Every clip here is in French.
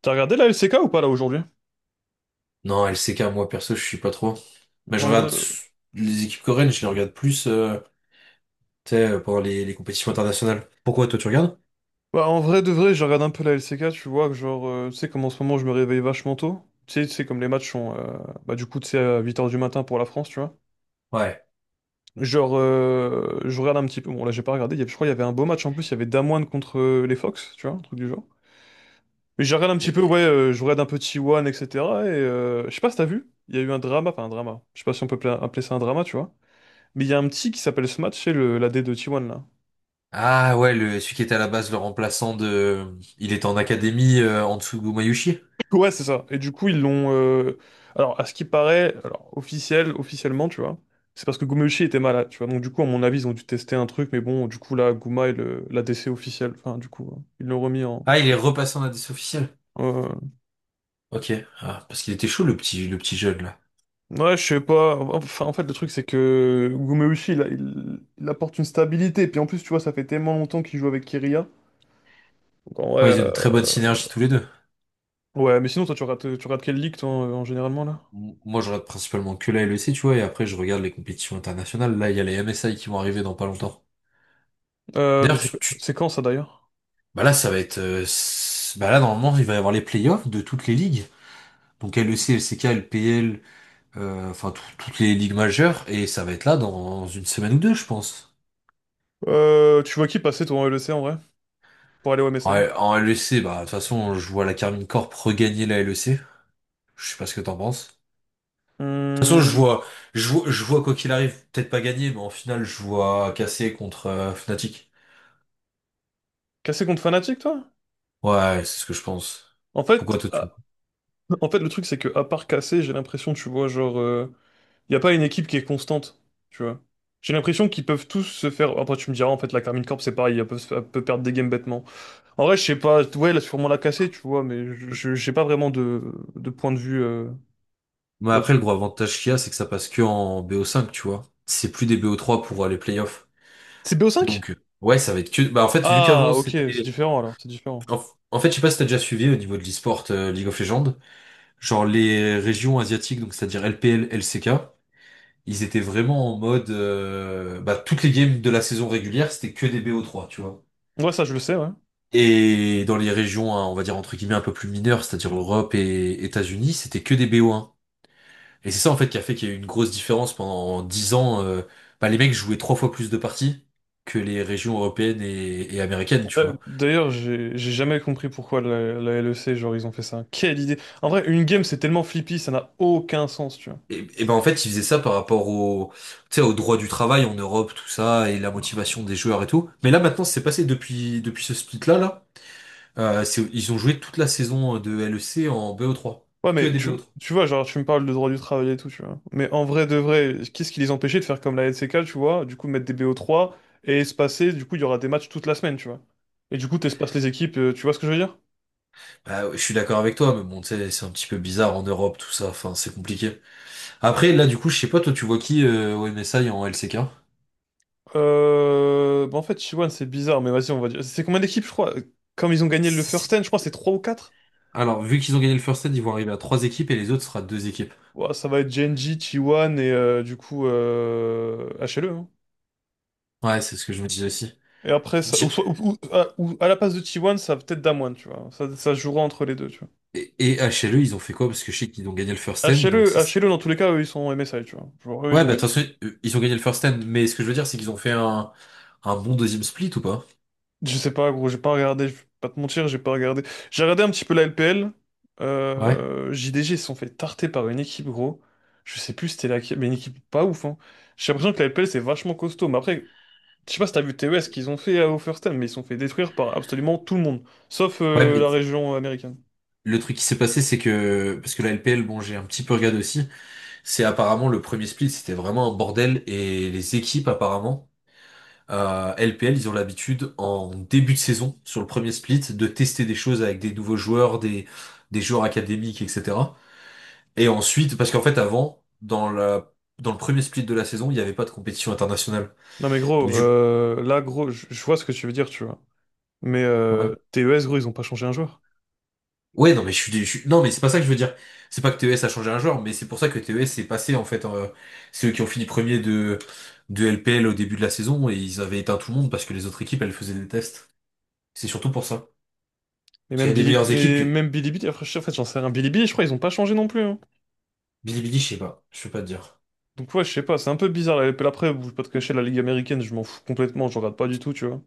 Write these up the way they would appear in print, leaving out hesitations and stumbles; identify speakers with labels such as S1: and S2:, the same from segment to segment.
S1: T'as regardé la LCK ou pas là aujourd'hui?
S2: Non, LCK, moi perso, je suis pas trop. Mais je
S1: En vrai...
S2: regarde les équipes coréennes, je les regarde plus tu sais, pendant les compétitions internationales. Pourquoi toi tu regardes?
S1: Bah, en vrai de vrai, je regarde un peu la LCK, tu vois, que genre, tu sais, comme en ce moment je me réveille vachement tôt. Tu sais, comme les matchs sont, du coup, tu sais, à 8 h du matin pour la France, tu vois.
S2: Ouais.
S1: Genre, je regarde un petit peu. Bon là j'ai pas regardé, je crois qu'il y avait un beau match en plus, il y avait Damwon contre les Fox, tu vois, un truc du genre. Mais je regarde un
S2: Euh,
S1: petit peu, ouais, je regarde un peu T1, etc. Et cetera. Et je sais pas si t'as vu, il y a eu un drama, enfin un drama, je sais pas si on peut appeler ça un drama, tu vois. Mais il y a un petit qui s'appelle Smash, c'est le l'A D de T1 là.
S2: Ah ouais, celui qui était à la base le remplaçant de... Il était en académie en dessous de Mayushi.
S1: Ouais, c'est ça. Et du coup, ils l'ont. Alors, à ce qui paraît, alors, officiellement, tu vois, c'est parce que Gumeuchi était malade, tu vois. Donc, du coup, à mon avis, ils ont dû tester un truc, mais bon, du coup, là, Guma est le... la l'ADC officiel. Enfin, du coup, ils l'ont remis en
S2: Ah, il est repassé en indice officiel.
S1: euh,
S2: Ok. Ah, parce qu'il était chaud le petit jeune là.
S1: Ouais, je sais pas. Enfin, en fait, le truc, c'est que Gumeuchi, il apporte une stabilité. Puis, en plus, tu vois, ça fait tellement longtemps qu'il joue avec Kiria. Donc, en vrai,
S2: Ouais, ils ont une très bonne synergie tous les deux.
S1: Ouais, mais sinon, toi, tu regardes quelle ligue, toi, en généralement, là?
S2: Moi, je regarde principalement que la LEC, tu vois, et après je regarde les compétitions internationales. Là, il y a les MSI qui vont arriver dans pas longtemps.
S1: Mais
S2: D'ailleurs,
S1: c'est
S2: tu.
S1: c'est quand, ça, d'ailleurs?
S2: Bah là, ça va être. Bah là, normalement, il va y avoir les playoffs de toutes les ligues. Donc LEC, LCK, LPL, enfin toutes les ligues majeures. Et ça va être là dans une semaine ou deux, je pense.
S1: Tu vois qui passer, toi, en L E C en vrai? Pour aller au
S2: En,
S1: MSI.
S2: en LEC, bah de toute façon, je vois la Carmine Corp regagner la LEC. Je sais pas ce que t'en penses. De toute façon, je
S1: Hum.
S2: vois, je vois, je vois quoi qu'il arrive, peut-être pas gagner, mais en finale, je vois casser contre Fnatic.
S1: Cassé contre Fnatic, toi?
S2: Ouais, c'est ce que je pense.
S1: En
S2: Pourquoi
S1: fait,
S2: toi tu...
S1: à- En fait, le truc, c'est que à part Cassé, j'ai l'impression, tu vois, genre, il y a pas une équipe qui est constante, tu vois. J'ai l'impression qu'ils peuvent tous se faire. Après, tu me diras, en fait, la Carmine Corp, c'est pareil, elle peut perdre des games bêtement. En vrai, je sais pas, ouais, là, sûrement la Cassé, tu vois, mais j'ai pas vraiment de point de vue
S2: Mais après, le
S1: là-dessus.
S2: gros avantage qu'il y a, c'est que ça passe que en BO5, tu vois. C'est plus des BO3 pour les playoffs.
S1: C'est BO5?
S2: Donc, ouais, ça va être que. Bah, en fait, vu
S1: Ah,
S2: qu'avant,
S1: ok, c'est
S2: c'était.
S1: différent alors, c'est différent.
S2: En, en fait, je sais pas si t'as déjà suivi au niveau de l'e-sport League of Legends, genre les régions asiatiques, donc c'est-à-dire LPL, LCK, ils étaient vraiment en mode. Bah, toutes les games de la saison régulière, c'était que des BO3, tu vois.
S1: Ouais, ça, je le sais, ouais.
S2: Et dans les régions, hein, on va dire entre guillemets un peu plus mineures, c'est-à-dire Europe et États-Unis, c'était que des BO1. Et c'est ça, en fait, qui a fait qu'il y a eu une grosse différence pendant 10 ans. Bah, les mecs jouaient trois fois plus de parties que les régions européennes et américaines, tu vois.
S1: D'ailleurs, j'ai jamais compris pourquoi la LEC, genre, ils ont fait ça. Quelle idée! En vrai, une game, c'est tellement flippy, ça n'a aucun sens, tu vois.
S2: Et ben en fait, ils faisaient ça par rapport au, tu sais, au droit du travail en Europe, tout ça, et la motivation des joueurs et tout. Mais là, maintenant, c'est passé depuis ce split-là, là. Ils ont joué toute la saison de LEC en BO3.
S1: Ouais,
S2: Que
S1: mais
S2: des BO3.
S1: tu vois, genre, tu me parles de droit du travail et tout, tu vois. Mais en vrai, de vrai, qu'est-ce qui les empêchait de faire comme la LCK, tu vois? Du coup, mettre des bo trois et espacer, du coup, il y aura des matchs toute la semaine, tu vois. Et du coup, t'espaces les équipes, tu vois ce que je veux dire?
S2: Bah, je suis d'accord avec toi, mais bon, tu sais, c'est un petit peu bizarre en Europe, tout ça. Enfin, c'est compliqué. Après, là, du coup, je sais pas, toi, tu vois qui au MSI en LCK?
S1: Bah, en fait, Chiwan, c'est bizarre, mais vas-y, on va dire. C'est combien d'équipes, je crois? Comme ils ont gagné le
S2: Si-
S1: first
S2: si-
S1: stand, je crois, c'est 3 ou 4.
S2: Alors, vu qu'ils ont gagné le first set, ils vont arriver à trois équipes et les autres sera deux équipes.
S1: Ouah, ça va être Genji, T1 et HLE, hein.
S2: Ouais, c'est ce que je me disais aussi.
S1: Et après, ça, ou, soit- ou à la place de T1, ça va peut-être Damwon, tu vois. Ça se jouera entre les deux, tu vois.
S2: Et HLE, ils ont fait quoi? Parce que je sais qu'ils ont gagné le first end, donc c'est...
S1: HLE, dans tous les cas, eux, ils sont en MSI, tu vois. Genre, eux,
S2: Ouais,
S1: ils ont
S2: bah de toute
S1: gagné.
S2: façon, ils ont gagné le first end, mais ce que je veux dire, c'est qu'ils ont fait un bon deuxième split ou pas?
S1: Je sais pas, gros, j'ai pas regardé, je vais pas te mentir, j'ai pas regardé. J'ai regardé un petit peu la LPL.
S2: Ouais.
S1: JDG, ils se sont fait tarter par une équipe, gros. Je sais plus c'était laquelle, mais une équipe pas ouf, hein. J'ai l'impression que la LPL, c'est vachement costaud. Mais après, je sais pas si t'as vu TES qu'ils ont fait au First Time, mais ils sont fait détruire par absolument tout le monde, sauf
S2: Ouais, mais
S1: la région américaine.
S2: le truc qui s'est passé, c'est que... Parce que la LPL, bon, j'ai un petit peu regardé aussi, c'est apparemment le premier split, c'était vraiment un bordel, et les équipes, apparemment, LPL, ils ont l'habitude, en début de saison, sur le premier split, de tester des choses avec des nouveaux joueurs, des joueurs académiques, etc. Et ensuite, parce qu'en fait, avant, dans le premier split de la saison, il n'y avait pas de compétition internationale.
S1: Non mais
S2: Donc,
S1: gros, là gros, je vois ce que tu veux dire, tu vois. Mais
S2: ouais.
S1: TES gros, ils ont pas changé un joueur.
S2: Ouais, non, mais je suis, dé- je suis- non, mais c'est pas ça que je veux dire. C'est pas que TES a changé un joueur, mais c'est pour ça que TES est passé, en fait, c'est eux qui ont fini premier de LPL au début de la saison et ils avaient éteint tout le monde parce que les autres équipes, elles faisaient des tests. C'est surtout pour ça.
S1: Et
S2: Parce qu'il y a des meilleures équipes que,
S1: Même Bilibili, après, en fait j'en sais rien. Bilibili, je crois ils ont pas changé non plus, hein.
S2: Bilibili, je sais pas. Je peux pas te dire.
S1: Donc ouais, je sais pas, c'est un peu bizarre la LPL. Après, je vais pas te cacher, la Ligue américaine, je m'en fous complètement, je regarde pas du tout, tu vois.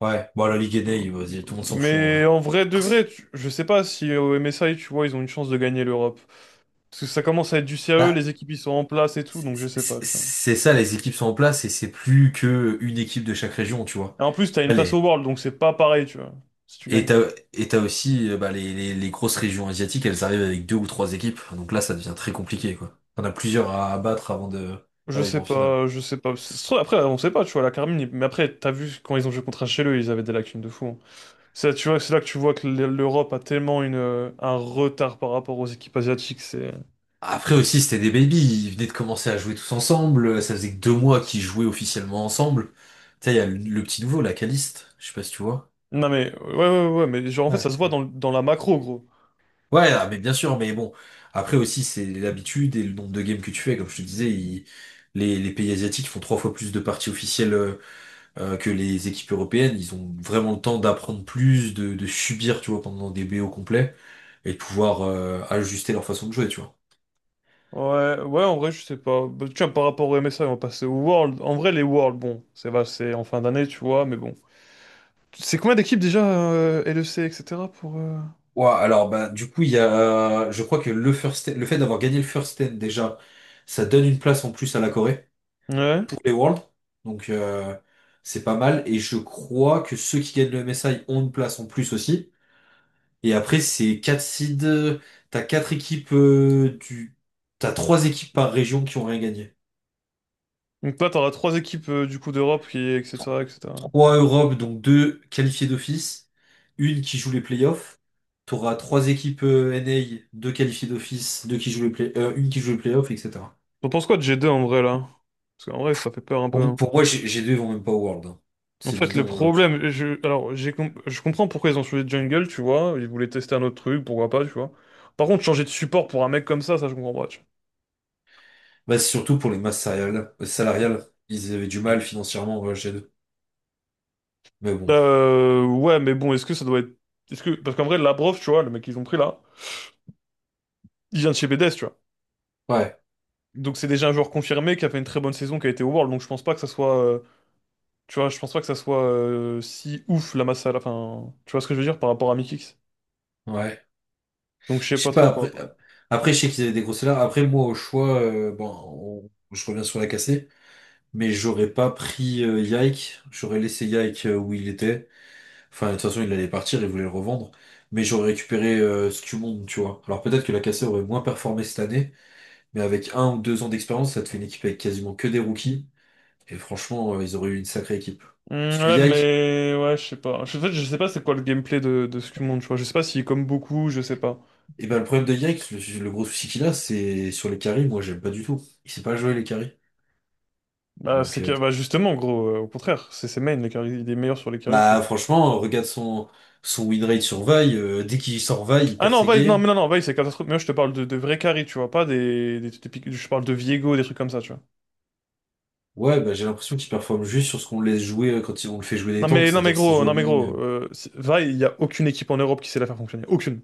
S2: Ouais. Bon, la Ligue Enei, vas-y, tout le monde s'en fout, en vrai.
S1: Mais en vrai de vrai, je sais pas si au MSI, tu vois, ils ont une chance de gagner l'Europe. Parce que ça commence à être du sérieux,
S2: Bah,
S1: les équipes ils sont en place et tout,
S2: C'est
S1: donc je sais pas,
S2: c'est-
S1: tu vois.
S2: c'est ça, les équipes sont en place et c'est plus que une équipe de chaque région, tu vois.
S1: Et en plus, t'as une place
S2: Allez.
S1: au World, donc c'est pas pareil, tu vois, si tu
S2: Et
S1: gagnes.
S2: t'as, et t'as aussi bah, les grosses régions asiatiques, elles arrivent avec deux ou trois équipes. Donc là, ça devient très compliqué, quoi. T'en as plusieurs à abattre avant de
S1: Je
S2: d'arriver
S1: sais
S2: en finale.
S1: pas, je sais pas. Ça se trouve, après, on sait pas, tu vois, la Carmine, mais après, t'as vu quand ils ont joué contre HLE, ils avaient des lacunes de fou, hein. Ça, tu vois, c'est là que tu vois que l'Europe a tellement une, un retard par rapport aux équipes asiatiques, c'est...
S2: Après aussi, c'était des baby. Ils venaient de commencer à jouer tous ensemble. Ça faisait que 2 mois qu'ils jouaient officiellement ensemble. Tu sais, il y a le petit nouveau, la Caliste. Je sais pas si tu vois.
S1: Non mais ouais, mais genre en fait
S2: Ah,
S1: ça se voit dans, dans la macro gros.
S2: ouais, ah, mais bien sûr, mais bon, après aussi c'est l'habitude et le nombre de games que tu fais, comme je te disais, les pays asiatiques font trois fois plus de parties officielles que les équipes européennes, ils ont vraiment le temps d'apprendre plus, de subir, tu vois, pendant des BO complets, et de pouvoir ajuster leur façon de jouer, tu vois.
S1: Ouais, en vrai je sais pas. Bah, tiens, par rapport au MSI on va passer au World. En vrai les Worlds, bon, c'est en fin d'année tu vois, mais bon. C'est combien d'équipes déjà LEC etc pour
S2: Ouais, alors bah du coup il y a, je crois que le fait d'avoir gagné le first ten déjà, ça donne une place en plus à la Corée
S1: Ouais.
S2: pour les Worlds, donc c'est pas mal, et je crois que ceux qui gagnent le MSI ont une place en plus aussi. Et après, c'est quatre seeds. T'as quatre équipes du. T'as trois équipes par région qui ont rien gagné.
S1: Donc toi t'auras trois équipes du coup d'Europe qui
S2: Tro-
S1: etc etc.
S2: Trois Europe, donc deux qualifiées d'office, une qui joue les playoffs. T'auras trois équipes NA, deux qualifiées d'office, deux qui jouent les play- une qui joue les playoffs, etc.
S1: T'en penses quoi de G2 en vrai là? Parce qu'en vrai ça fait peur un peu,
S2: Pour, m-
S1: hein.
S2: pour moi, G2 vont même pas au World, hein.
S1: En
S2: C'est
S1: fait le
S2: bidon.
S1: problème je comprends pourquoi ils ont changé de jungle, tu vois, ils voulaient tester un autre truc, pourquoi pas, tu vois. Par contre changer de support pour un mec comme ça je comprends pas.
S2: Bah, c'est surtout pour les masses salariales. Ils avaient du mal financièrement, G2. Mais bon.
S1: Ouais, mais bon, est-ce que ça doit être. Est-ce que... Parce qu'en vrai, Labrov, tu vois, le mec qu'ils ont pris là, il vient de chez BDS, tu vois.
S2: Ouais,
S1: Donc c'est déjà un joueur confirmé qui a fait une très bonne saison, qui a été au World, donc je pense pas que ça soit Tu vois, je pense pas que ça soit si ouf la masse à la fin. Tu vois ce que je veux dire par rapport à Mikix?
S2: ouais.
S1: Donc je sais
S2: Je
S1: pas
S2: sais pas,
S1: trop.
S2: après, je sais qu'ils avaient des grosses salaires. Après, moi, au choix, bon, je reviens sur la cassée, mais j'aurais pas pris Yike. J'aurais laissé Yike où il était. Enfin, de toute façon, il allait partir, il voulait le revendre. Mais j'aurais récupéré Scumonde, tu vois. Alors peut-être que la cassée aurait moins performé cette année, mais avec un ou deux ans d'expérience, ça te fait une équipe avec quasiment que des rookies. Et franchement, ils auraient eu une sacrée équipe.
S1: Hmm,
S2: Parce que
S1: ouais,
S2: Yike,
S1: mais. Ouais, je sais pas. En fait, je sais pas c'est quoi le gameplay de Skumon, tu vois. Je sais pas s'il comme beaucoup, je sais pas.
S2: et ben, le problème de Yike, le gros souci qu'il a, c'est sur les carries, moi, j'aime pas du tout. Il sait pas jouer les carries.
S1: Bah,
S2: Donc,
S1: c'est que. Bah, justement, gros, au contraire, c'est ses mains, il est meilleur sur les carries.
S2: bah franchement, regarde son win rate sur Vi, dès qu'il sort Vi, il
S1: Ah
S2: perd
S1: non,
S2: ses
S1: Vice, non,
S2: games.
S1: Vice, c'est catastrophique. Mais moi, je te parle de vrais carrés, tu vois, pas je parle de Viego, des trucs comme ça, tu vois.
S2: Ouais, bah j'ai l'impression qu'il performe juste sur ce qu'on le laisse jouer quand on le fait jouer des
S1: Non,
S2: tanks,
S1: mais, non, mais
S2: c'est-à-dire si
S1: gros, non, mais
S2: Joanie,
S1: gros, c'est- Vice, il y a aucune équipe en Europe qui sait la faire fonctionner. Aucune.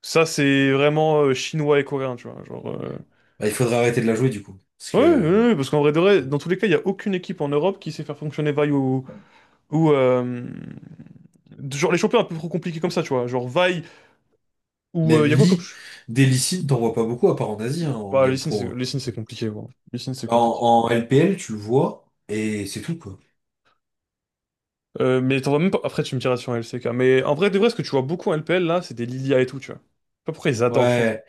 S1: Ça, c'est vraiment chinois et coréen, tu vois. Genre,
S2: bah, il faudrait arrêter de la jouer du coup. Parce
S1: ouais,
S2: que
S1: parce qu'en vrai, de vrai, dans tous les cas, il y a aucune équipe en Europe qui sait faire fonctionner Vice ou genre les champions un peu trop compliqués comme ça, tu vois. Genre Vaille ou
S2: même
S1: il y a quoi comme,
S2: Lee,
S1: ch-
S2: des Lee Sin, t'en vois pas beaucoup à part en Asie, hein, en
S1: ouais, les
S2: Game
S1: signes,
S2: Pro, hein.
S1: c'est compliqué, gros. Les signes, c'est compliqué.
S2: En LPL, tu le vois, et c'est tout, quoi.
S1: Mais t'en vois même pas. Après, tu me diras sur LCK. Mais en vrai, de vrai, ce que tu vois beaucoup en LPL, là, c'est des Lilia et tout, tu vois. Je sais pas pourquoi ils adorent, je trouve.
S2: Ouais.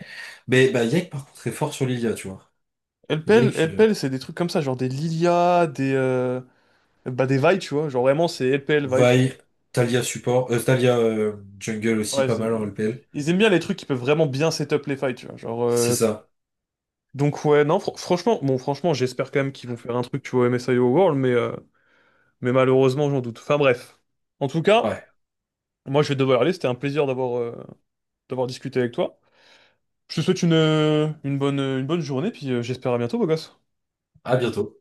S2: Mais bah Yek par contre est fort sur Lilia, tu vois. Yek,
S1: LPL, c'est des trucs comme ça, genre des Lilia, des Bah, des Vi, tu vois. Genre vraiment, c'est LPL Vi, tu vois.
S2: Vi, Talia support, Talia jungle aussi
S1: Ouais,
S2: pas
S1: ils
S2: mal en
S1: aiment
S2: LPL.
S1: ils aiment bien les trucs qui peuvent vraiment bien setup les fights, tu vois. Genre
S2: C'est ça.
S1: Donc, ouais, non, franchement, bon, franchement, j'espère quand même qu'ils vont faire un truc, tu vois, MSIO World, mais malheureusement, j'en doute. Enfin, bref. En tout cas,
S2: Ouais.
S1: moi, je vais devoir aller. C'était un plaisir d'avoir d'avoir discuté avec toi. Je te souhaite une bonne journée, puis j'espère à bientôt, beau gosse.
S2: À bientôt.